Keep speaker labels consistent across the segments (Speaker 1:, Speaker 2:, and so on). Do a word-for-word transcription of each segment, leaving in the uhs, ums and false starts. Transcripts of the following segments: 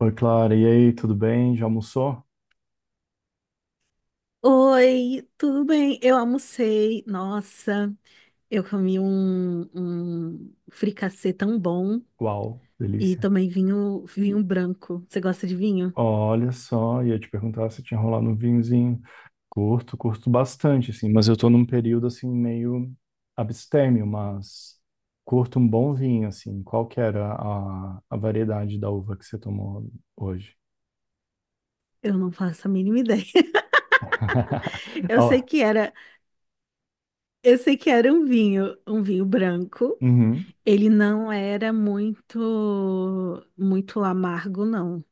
Speaker 1: Oi, Clara. E aí, tudo bem? Já almoçou?
Speaker 2: Oi, tudo bem? Eu almocei. Nossa, eu comi um, um fricassê tão bom
Speaker 1: Uau,
Speaker 2: e
Speaker 1: delícia.
Speaker 2: também vinho, vinho branco. Você gosta de vinho?
Speaker 1: Olha só, ia te perguntar se tinha rolado um vinhozinho. Curto, curto bastante, assim, mas eu tô num período, assim, meio abstêmio, mas curto um bom vinho, assim. Qual que era a, a variedade da uva que você tomou hoje?
Speaker 2: Eu não faço a mínima ideia. Eu sei
Speaker 1: Ó,
Speaker 2: que era, eu sei que era um vinho, um vinho branco.
Speaker 1: uhum.
Speaker 2: Ele não era muito, muito amargo, não.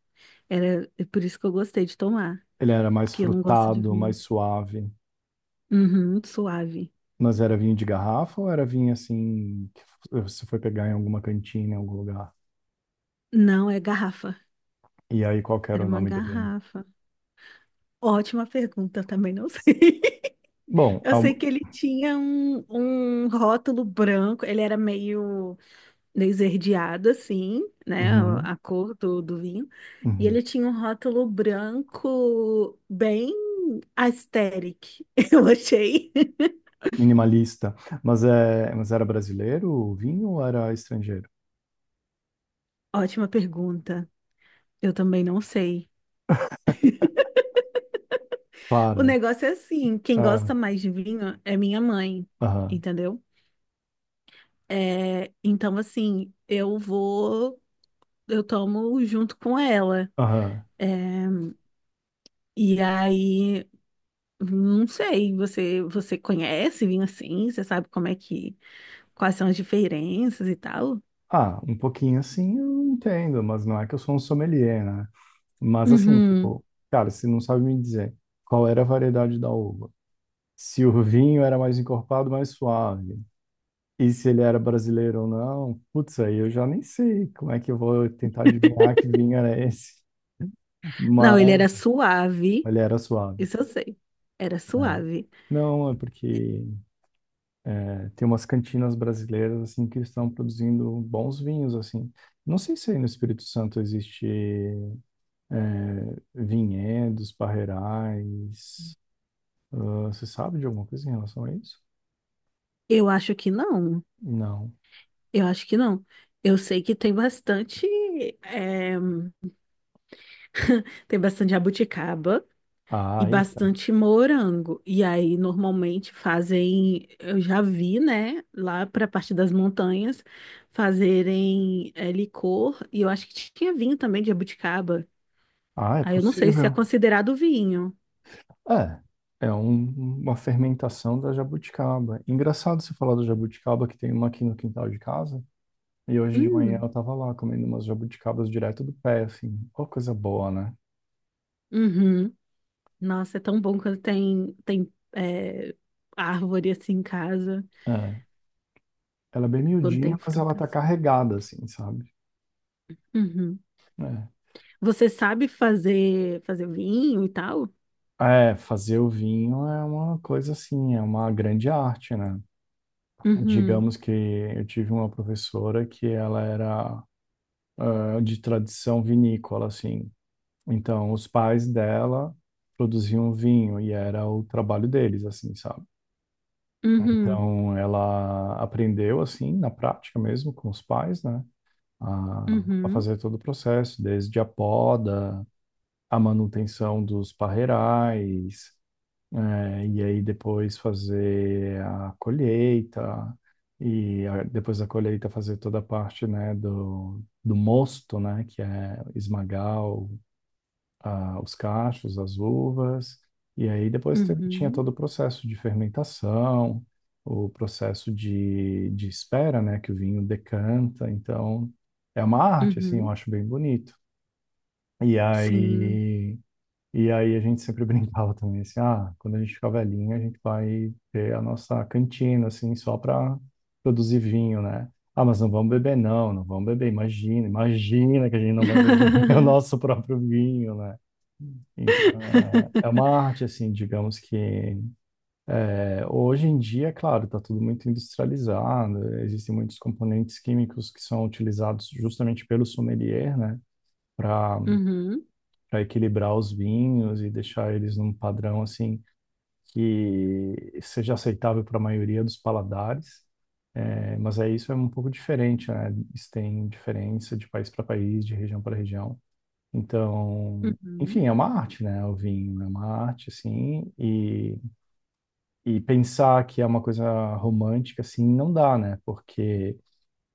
Speaker 2: Era é por isso que eu gostei de tomar,
Speaker 1: Ele era mais
Speaker 2: porque eu não gosto de
Speaker 1: frutado,
Speaker 2: vinho.
Speaker 1: mais suave,
Speaker 2: Uhum, suave.
Speaker 1: mas era vinho de garrafa ou era vinho, assim, que você foi pegar em alguma cantina, em algum lugar?
Speaker 2: Não, é garrafa.
Speaker 1: E aí, qual que era
Speaker 2: Era
Speaker 1: o
Speaker 2: uma
Speaker 1: nome do vinho?
Speaker 2: garrafa. Ótima pergunta, eu também não sei.
Speaker 1: Bom,
Speaker 2: Eu
Speaker 1: ao-
Speaker 2: sei que ele tinha um, um rótulo branco, ele era meio, meio esverdeado, assim, né? A
Speaker 1: uhum,
Speaker 2: a cor do, do vinho. E
Speaker 1: uhum.
Speaker 2: ele tinha um rótulo branco bem aesthetic, eu achei.
Speaker 1: Minimalista. Mas, é, mas era brasileiro o vinho ou era estrangeiro?
Speaker 2: Ótima pergunta. Eu também não sei. O
Speaker 1: Para.
Speaker 2: negócio é assim, quem
Speaker 1: Ah,
Speaker 2: gosta mais de vinho é minha mãe,
Speaker 1: aham,
Speaker 2: entendeu? É, então, assim, eu vou, eu tomo junto com ela.
Speaker 1: aham.
Speaker 2: é, E aí, não sei, você você conhece vinho assim? Você sabe como é que, quais são as diferenças e tal?
Speaker 1: Ah, um pouquinho assim eu entendo, mas não é que eu sou um sommelier, né? Mas assim,
Speaker 2: Uhum.
Speaker 1: tipo, cara, você não sabe me dizer qual era a variedade da uva. Se o vinho era mais encorpado, mais suave. E se ele era brasileiro ou não, putz, aí eu já nem sei como é que eu vou tentar adivinhar que vinho era esse.
Speaker 2: Não, ele
Speaker 1: Mas
Speaker 2: era suave,
Speaker 1: Ele era suave.
Speaker 2: isso eu sei. Era suave.
Speaker 1: Não, é porque é, tem umas cantinas brasileiras assim que estão produzindo bons vinhos assim. Não sei se aí no Espírito Santo existe vinhedos, parreirais. Ah, você sabe de alguma coisa em relação a isso?
Speaker 2: Eu acho que não.
Speaker 1: Não.
Speaker 2: Eu acho que não. Eu sei que tem bastante, é, tem bastante jabuticaba. E
Speaker 1: Ah, eita.
Speaker 2: bastante morango. E aí, normalmente fazem, eu já vi, né, lá para a parte das montanhas, fazerem é, licor, e eu acho que tinha vinho também de jabuticaba.
Speaker 1: Ah, é
Speaker 2: Aí eu não sei se é
Speaker 1: possível.
Speaker 2: considerado vinho.
Speaker 1: É. É um- uma fermentação da jabuticaba. Engraçado você falar da jabuticaba, que tem uma aqui no quintal de casa. E hoje de manhã eu
Speaker 2: Hum,
Speaker 1: tava lá comendo umas jabuticabas direto do pé, assim. Ó, coisa boa, né?
Speaker 2: uhum. Nossa, é tão bom quando tem, tem é, árvore assim em casa,
Speaker 1: É. Ela é bem
Speaker 2: quando
Speaker 1: miudinha,
Speaker 2: tem
Speaker 1: mas ela tá
Speaker 2: frutas.
Speaker 1: carregada, assim, sabe?
Speaker 2: Uhum.
Speaker 1: É.
Speaker 2: Você sabe fazer, fazer vinho e tal?
Speaker 1: É, fazer o vinho é uma coisa assim, é uma grande arte, né?
Speaker 2: Uhum,
Speaker 1: Digamos que eu tive uma professora que ela era ah, de tradição vinícola, assim. Então, os pais dela produziam vinho e era o trabalho deles, assim, sabe?
Speaker 2: uhum,
Speaker 1: Então, ela aprendeu, assim, na prática mesmo, com os pais, né? A, a
Speaker 2: uhum,
Speaker 1: fazer todo o processo, desde a poda, a manutenção dos parreirais, eh, e aí depois fazer a colheita, e a- depois da colheita fazer toda a parte, né, do, do mosto, né, que é esmagar o- a- os cachos, as uvas, e aí depois teve- tinha
Speaker 2: uhum,
Speaker 1: todo o processo de fermentação, o processo de, de espera, né, que o vinho decanta, então é uma arte, assim, eu
Speaker 2: uhum.
Speaker 1: acho bem bonito. E
Speaker 2: Sim.
Speaker 1: aí, e aí a gente sempre brincava também, assim, ah, quando a gente ficar velhinho, a gente vai ter a nossa cantina, assim, só para produzir vinho, né? Ah, mas não vamos beber, não, não vamos beber, imagina, imagina que a gente não vai beber o nosso próprio vinho, né? Então, é é uma arte, assim, digamos que é, hoje em dia, claro, está tudo muito industrializado, existem muitos componentes químicos que são utilizados justamente pelo sommelier, né? Para
Speaker 2: Uhum,
Speaker 1: para equilibrar os vinhos e deixar eles num padrão, assim, que seja aceitável para a maioria dos paladares, é, mas é isso é um pouco diferente, né? Isso tem diferença de país para país, de região para região. Então,
Speaker 2: uhum,
Speaker 1: enfim, é uma arte, né? O vinho é uma arte, assim, e, e pensar que é uma coisa romântica, assim, não dá, né? Porque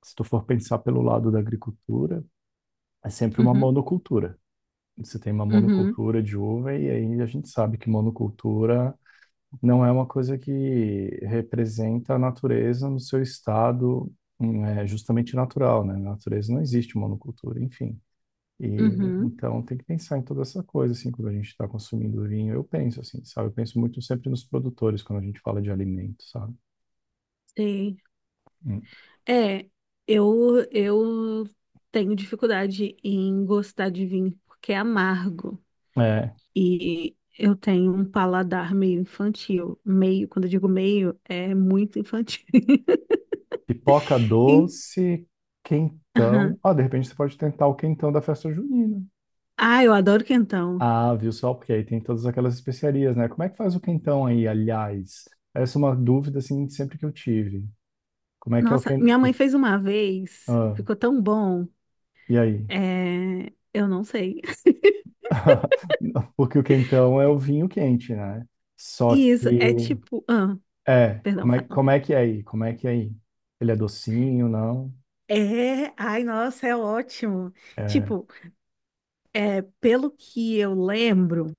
Speaker 1: se tu for pensar pelo lado da agricultura, é sempre uma
Speaker 2: uhum,
Speaker 1: monocultura. Você tem uma
Speaker 2: uhum,
Speaker 1: monocultura de uva, e aí a gente sabe que monocultura não é uma coisa que representa a natureza no seu estado, hum, é, justamente natural, né? Na natureza não existe monocultura, enfim. E
Speaker 2: uhum.
Speaker 1: então tem que pensar em toda essa coisa, assim, quando a gente está consumindo vinho, eu penso assim, sabe? Eu penso muito sempre nos produtores quando a gente fala de alimento, sabe?
Speaker 2: Sei.
Speaker 1: Hum.
Speaker 2: É, eu, eu tenho dificuldade em gostar de vinho porque é amargo.
Speaker 1: É,
Speaker 2: E eu tenho um paladar meio infantil. Meio, quando eu digo meio, é muito infantil.
Speaker 1: pipoca
Speaker 2: E-
Speaker 1: doce, quentão.
Speaker 2: aham.
Speaker 1: Ah, de repente você pode tentar o quentão da festa junina.
Speaker 2: Ah, eu adoro quentão.
Speaker 1: Ah, viu só? Porque aí tem todas aquelas especiarias, né? Como é que faz o quentão aí, aliás? Essa é uma dúvida, assim, sempre que eu tive. Como é que é o
Speaker 2: Nossa,
Speaker 1: quentão?
Speaker 2: minha mãe fez uma vez,
Speaker 1: Ah,
Speaker 2: ficou tão bom.
Speaker 1: e aí?
Speaker 2: É, eu não sei.
Speaker 1: Porque o quentão é o vinho quente, né? Só
Speaker 2: Isso, é
Speaker 1: que...
Speaker 2: tipo. Ah,
Speaker 1: É,
Speaker 2: perdão,
Speaker 1: como é,
Speaker 2: fala.
Speaker 1: como é que é aí? Como é que é aí? Ele é docinho, não?
Speaker 2: É, ai, nossa, é ótimo.
Speaker 1: É.
Speaker 2: Tipo, pelo que eu lembro,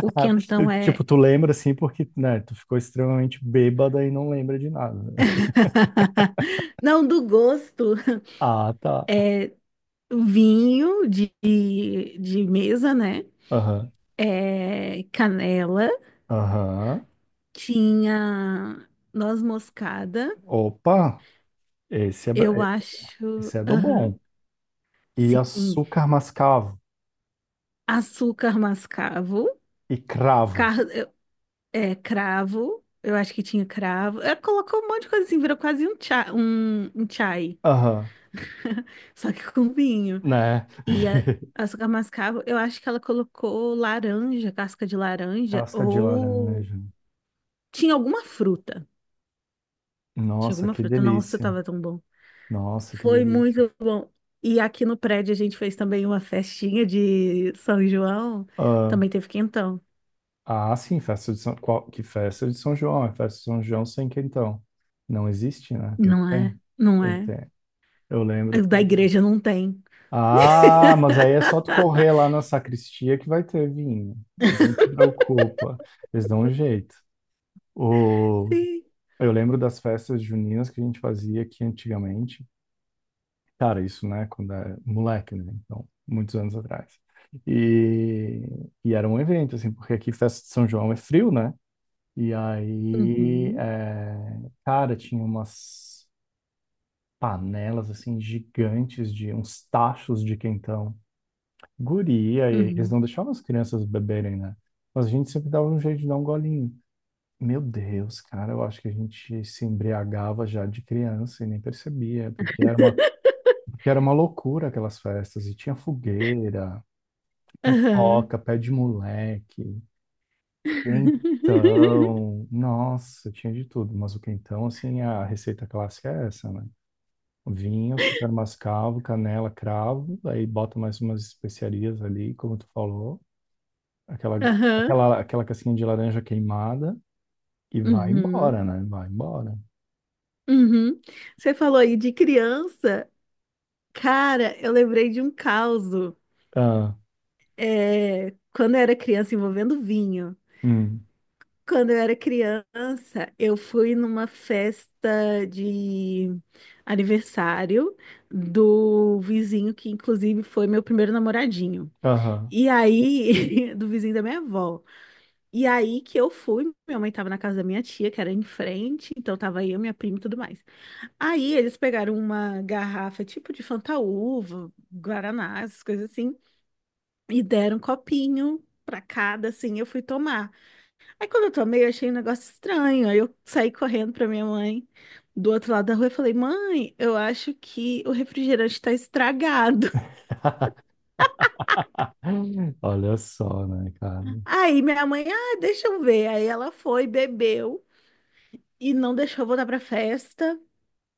Speaker 2: o
Speaker 1: Ah,
Speaker 2: quentão é.
Speaker 1: tipo, tu lembra, assim, porque, né? Tu ficou extremamente bêbada e não lembra de nada.
Speaker 2: Não, do gosto.
Speaker 1: Ah, tá.
Speaker 2: É vinho de, de mesa, né?
Speaker 1: Aham.
Speaker 2: É canela.
Speaker 1: Aham.
Speaker 2: Tinha noz moscada,
Speaker 1: Opa! Esse é,
Speaker 2: eu acho.
Speaker 1: esse é do
Speaker 2: Aham,
Speaker 1: bom. E
Speaker 2: sim.
Speaker 1: açúcar mascavo.
Speaker 2: Açúcar mascavo.
Speaker 1: E cravo.
Speaker 2: É, cravo. Eu acho que tinha cravo. Ela colocou um monte de coisa assim, virou quase um chá, um, um chai,
Speaker 1: Aham,
Speaker 2: só que com vinho.
Speaker 1: né?
Speaker 2: E a, açúcar mascavo, eu acho que ela colocou laranja, casca de laranja,
Speaker 1: Casca de
Speaker 2: ou
Speaker 1: laranja.
Speaker 2: tinha alguma fruta. Tinha
Speaker 1: Nossa,
Speaker 2: alguma
Speaker 1: que
Speaker 2: fruta. Nossa,
Speaker 1: delícia.
Speaker 2: tava tão bom.
Speaker 1: Nossa, que
Speaker 2: Foi
Speaker 1: delícia.
Speaker 2: muito bom. E aqui no prédio a gente fez também uma festinha de São João.
Speaker 1: Ah,
Speaker 2: Também teve quentão.
Speaker 1: ah, sim, festa de São... Qual... Que festa de São João? É festa de São João sem quentão. Não existe, né? Tem que
Speaker 2: Não
Speaker 1: ter.
Speaker 2: é? Não
Speaker 1: Tem que
Speaker 2: é?
Speaker 1: ter. Eu lembro
Speaker 2: O Da
Speaker 1: que...
Speaker 2: igreja não tem.
Speaker 1: Ah, mas aí é só tu correr lá na sacristia que vai ter vinho. Não te preocupa. Eles dão um jeito. O
Speaker 2: Sim.
Speaker 1: Eu lembro das festas juninas que a gente fazia aqui antigamente. Cara, isso, né, quando é moleque, né? Então, muitos anos atrás. E, e era um evento, assim, porque aqui festa de São João é frio, né? E aí,
Speaker 2: Uhum,
Speaker 1: é, cara, tinha umas panelas, assim, gigantes de uns tachos de quentão. Guria, e eles
Speaker 2: uhum.
Speaker 1: não deixavam as crianças beberem, né? Mas a gente sempre dava um jeito de dar um golinho. Meu Deus, cara, eu acho que a gente se embriagava já de criança e nem percebia, porque era uma, porque era uma loucura aquelas festas, e tinha fogueira,
Speaker 2: Aham.
Speaker 1: pipoca, pé de moleque, quentão, nossa, tinha de tudo, mas o quentão, assim, a receita clássica é essa, né? Vinho, super mascavo, canela, cravo, aí bota mais umas especiarias ali, como tu falou, aquela,
Speaker 2: Aham.
Speaker 1: aquela, aquela casquinha de laranja queimada, e vai
Speaker 2: Uhum.
Speaker 1: embora, né? Vai embora.
Speaker 2: Uhum. Você falou aí de criança. Cara, eu lembrei de um causo. É, quando eu era criança, envolvendo vinho.
Speaker 1: Hum,
Speaker 2: Quando eu era criança, eu fui numa festa de aniversário do vizinho, que inclusive foi meu primeiro namoradinho.
Speaker 1: aham.
Speaker 2: E aí, do vizinho da minha avó. E aí que eu fui, minha mãe tava na casa da minha tia, que era em frente, então tava eu, minha prima e tudo mais. Aí eles pegaram uma garrafa tipo de Fantaúva, Guaraná, essas coisas assim, e deram um copinho pra cada, assim, eu fui tomar. Aí quando eu tomei, eu achei um negócio estranho, aí eu saí correndo pra minha mãe do outro lado da rua e falei, mãe, eu acho que o refrigerante tá estragado.
Speaker 1: Olha só, né, cara?
Speaker 2: Aí minha mãe, ah, deixa eu ver. Aí ela foi, bebeu e não deixou eu voltar pra festa.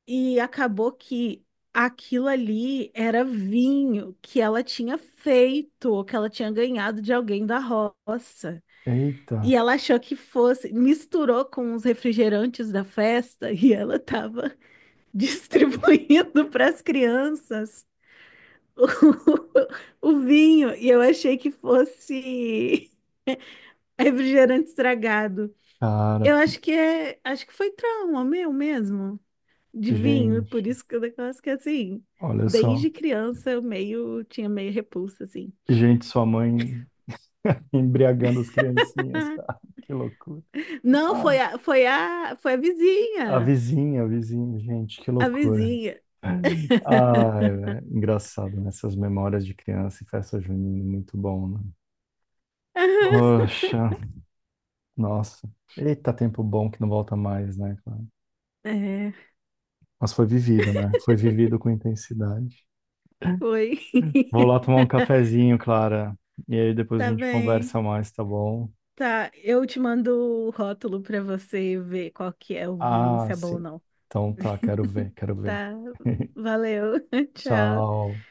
Speaker 2: E acabou que aquilo ali era vinho que ela tinha feito, que ela tinha ganhado de alguém da roça. E
Speaker 1: Eita,
Speaker 2: ela achou que fosse, misturou com os refrigerantes da festa e ela estava distribuindo para as crianças o, o vinho. E eu achei que fosse refrigerante estragado.
Speaker 1: cara,
Speaker 2: Eu acho que é, acho que foi trauma meu mesmo, de vinho,
Speaker 1: gente,
Speaker 2: por isso que o negócio é que assim,
Speaker 1: olha só.
Speaker 2: desde criança eu meio tinha meio repulsa assim.
Speaker 1: Gente, sua mãe embriagando as criancinhas,
Speaker 2: Ah,
Speaker 1: cara, que loucura.
Speaker 2: Não,
Speaker 1: Ah,
Speaker 2: foi a foi a foi a
Speaker 1: a
Speaker 2: vizinha,
Speaker 1: vizinha, a vizinha, gente, que
Speaker 2: a
Speaker 1: loucura.
Speaker 2: vizinha.
Speaker 1: Ai, velho, engraçado, né? Essas memórias de criança e festa junina, muito bom, né? Poxa, nossa. Eita, tempo bom que não volta mais, né, cara?
Speaker 2: É,
Speaker 1: Mas foi vivido, né? Foi vivido com intensidade.
Speaker 2: foi.
Speaker 1: Vou lá tomar um cafezinho, Clara. E aí depois a
Speaker 2: Tá
Speaker 1: gente
Speaker 2: bem.
Speaker 1: conversa mais, tá bom?
Speaker 2: Tá, eu te mando o rótulo pra você ver qual que é o vinho,
Speaker 1: Ah,
Speaker 2: se é bom ou
Speaker 1: sim.
Speaker 2: não.
Speaker 1: Então tá, quero ver, quero ver.
Speaker 2: Tá. Valeu. Tchau.
Speaker 1: Tchau.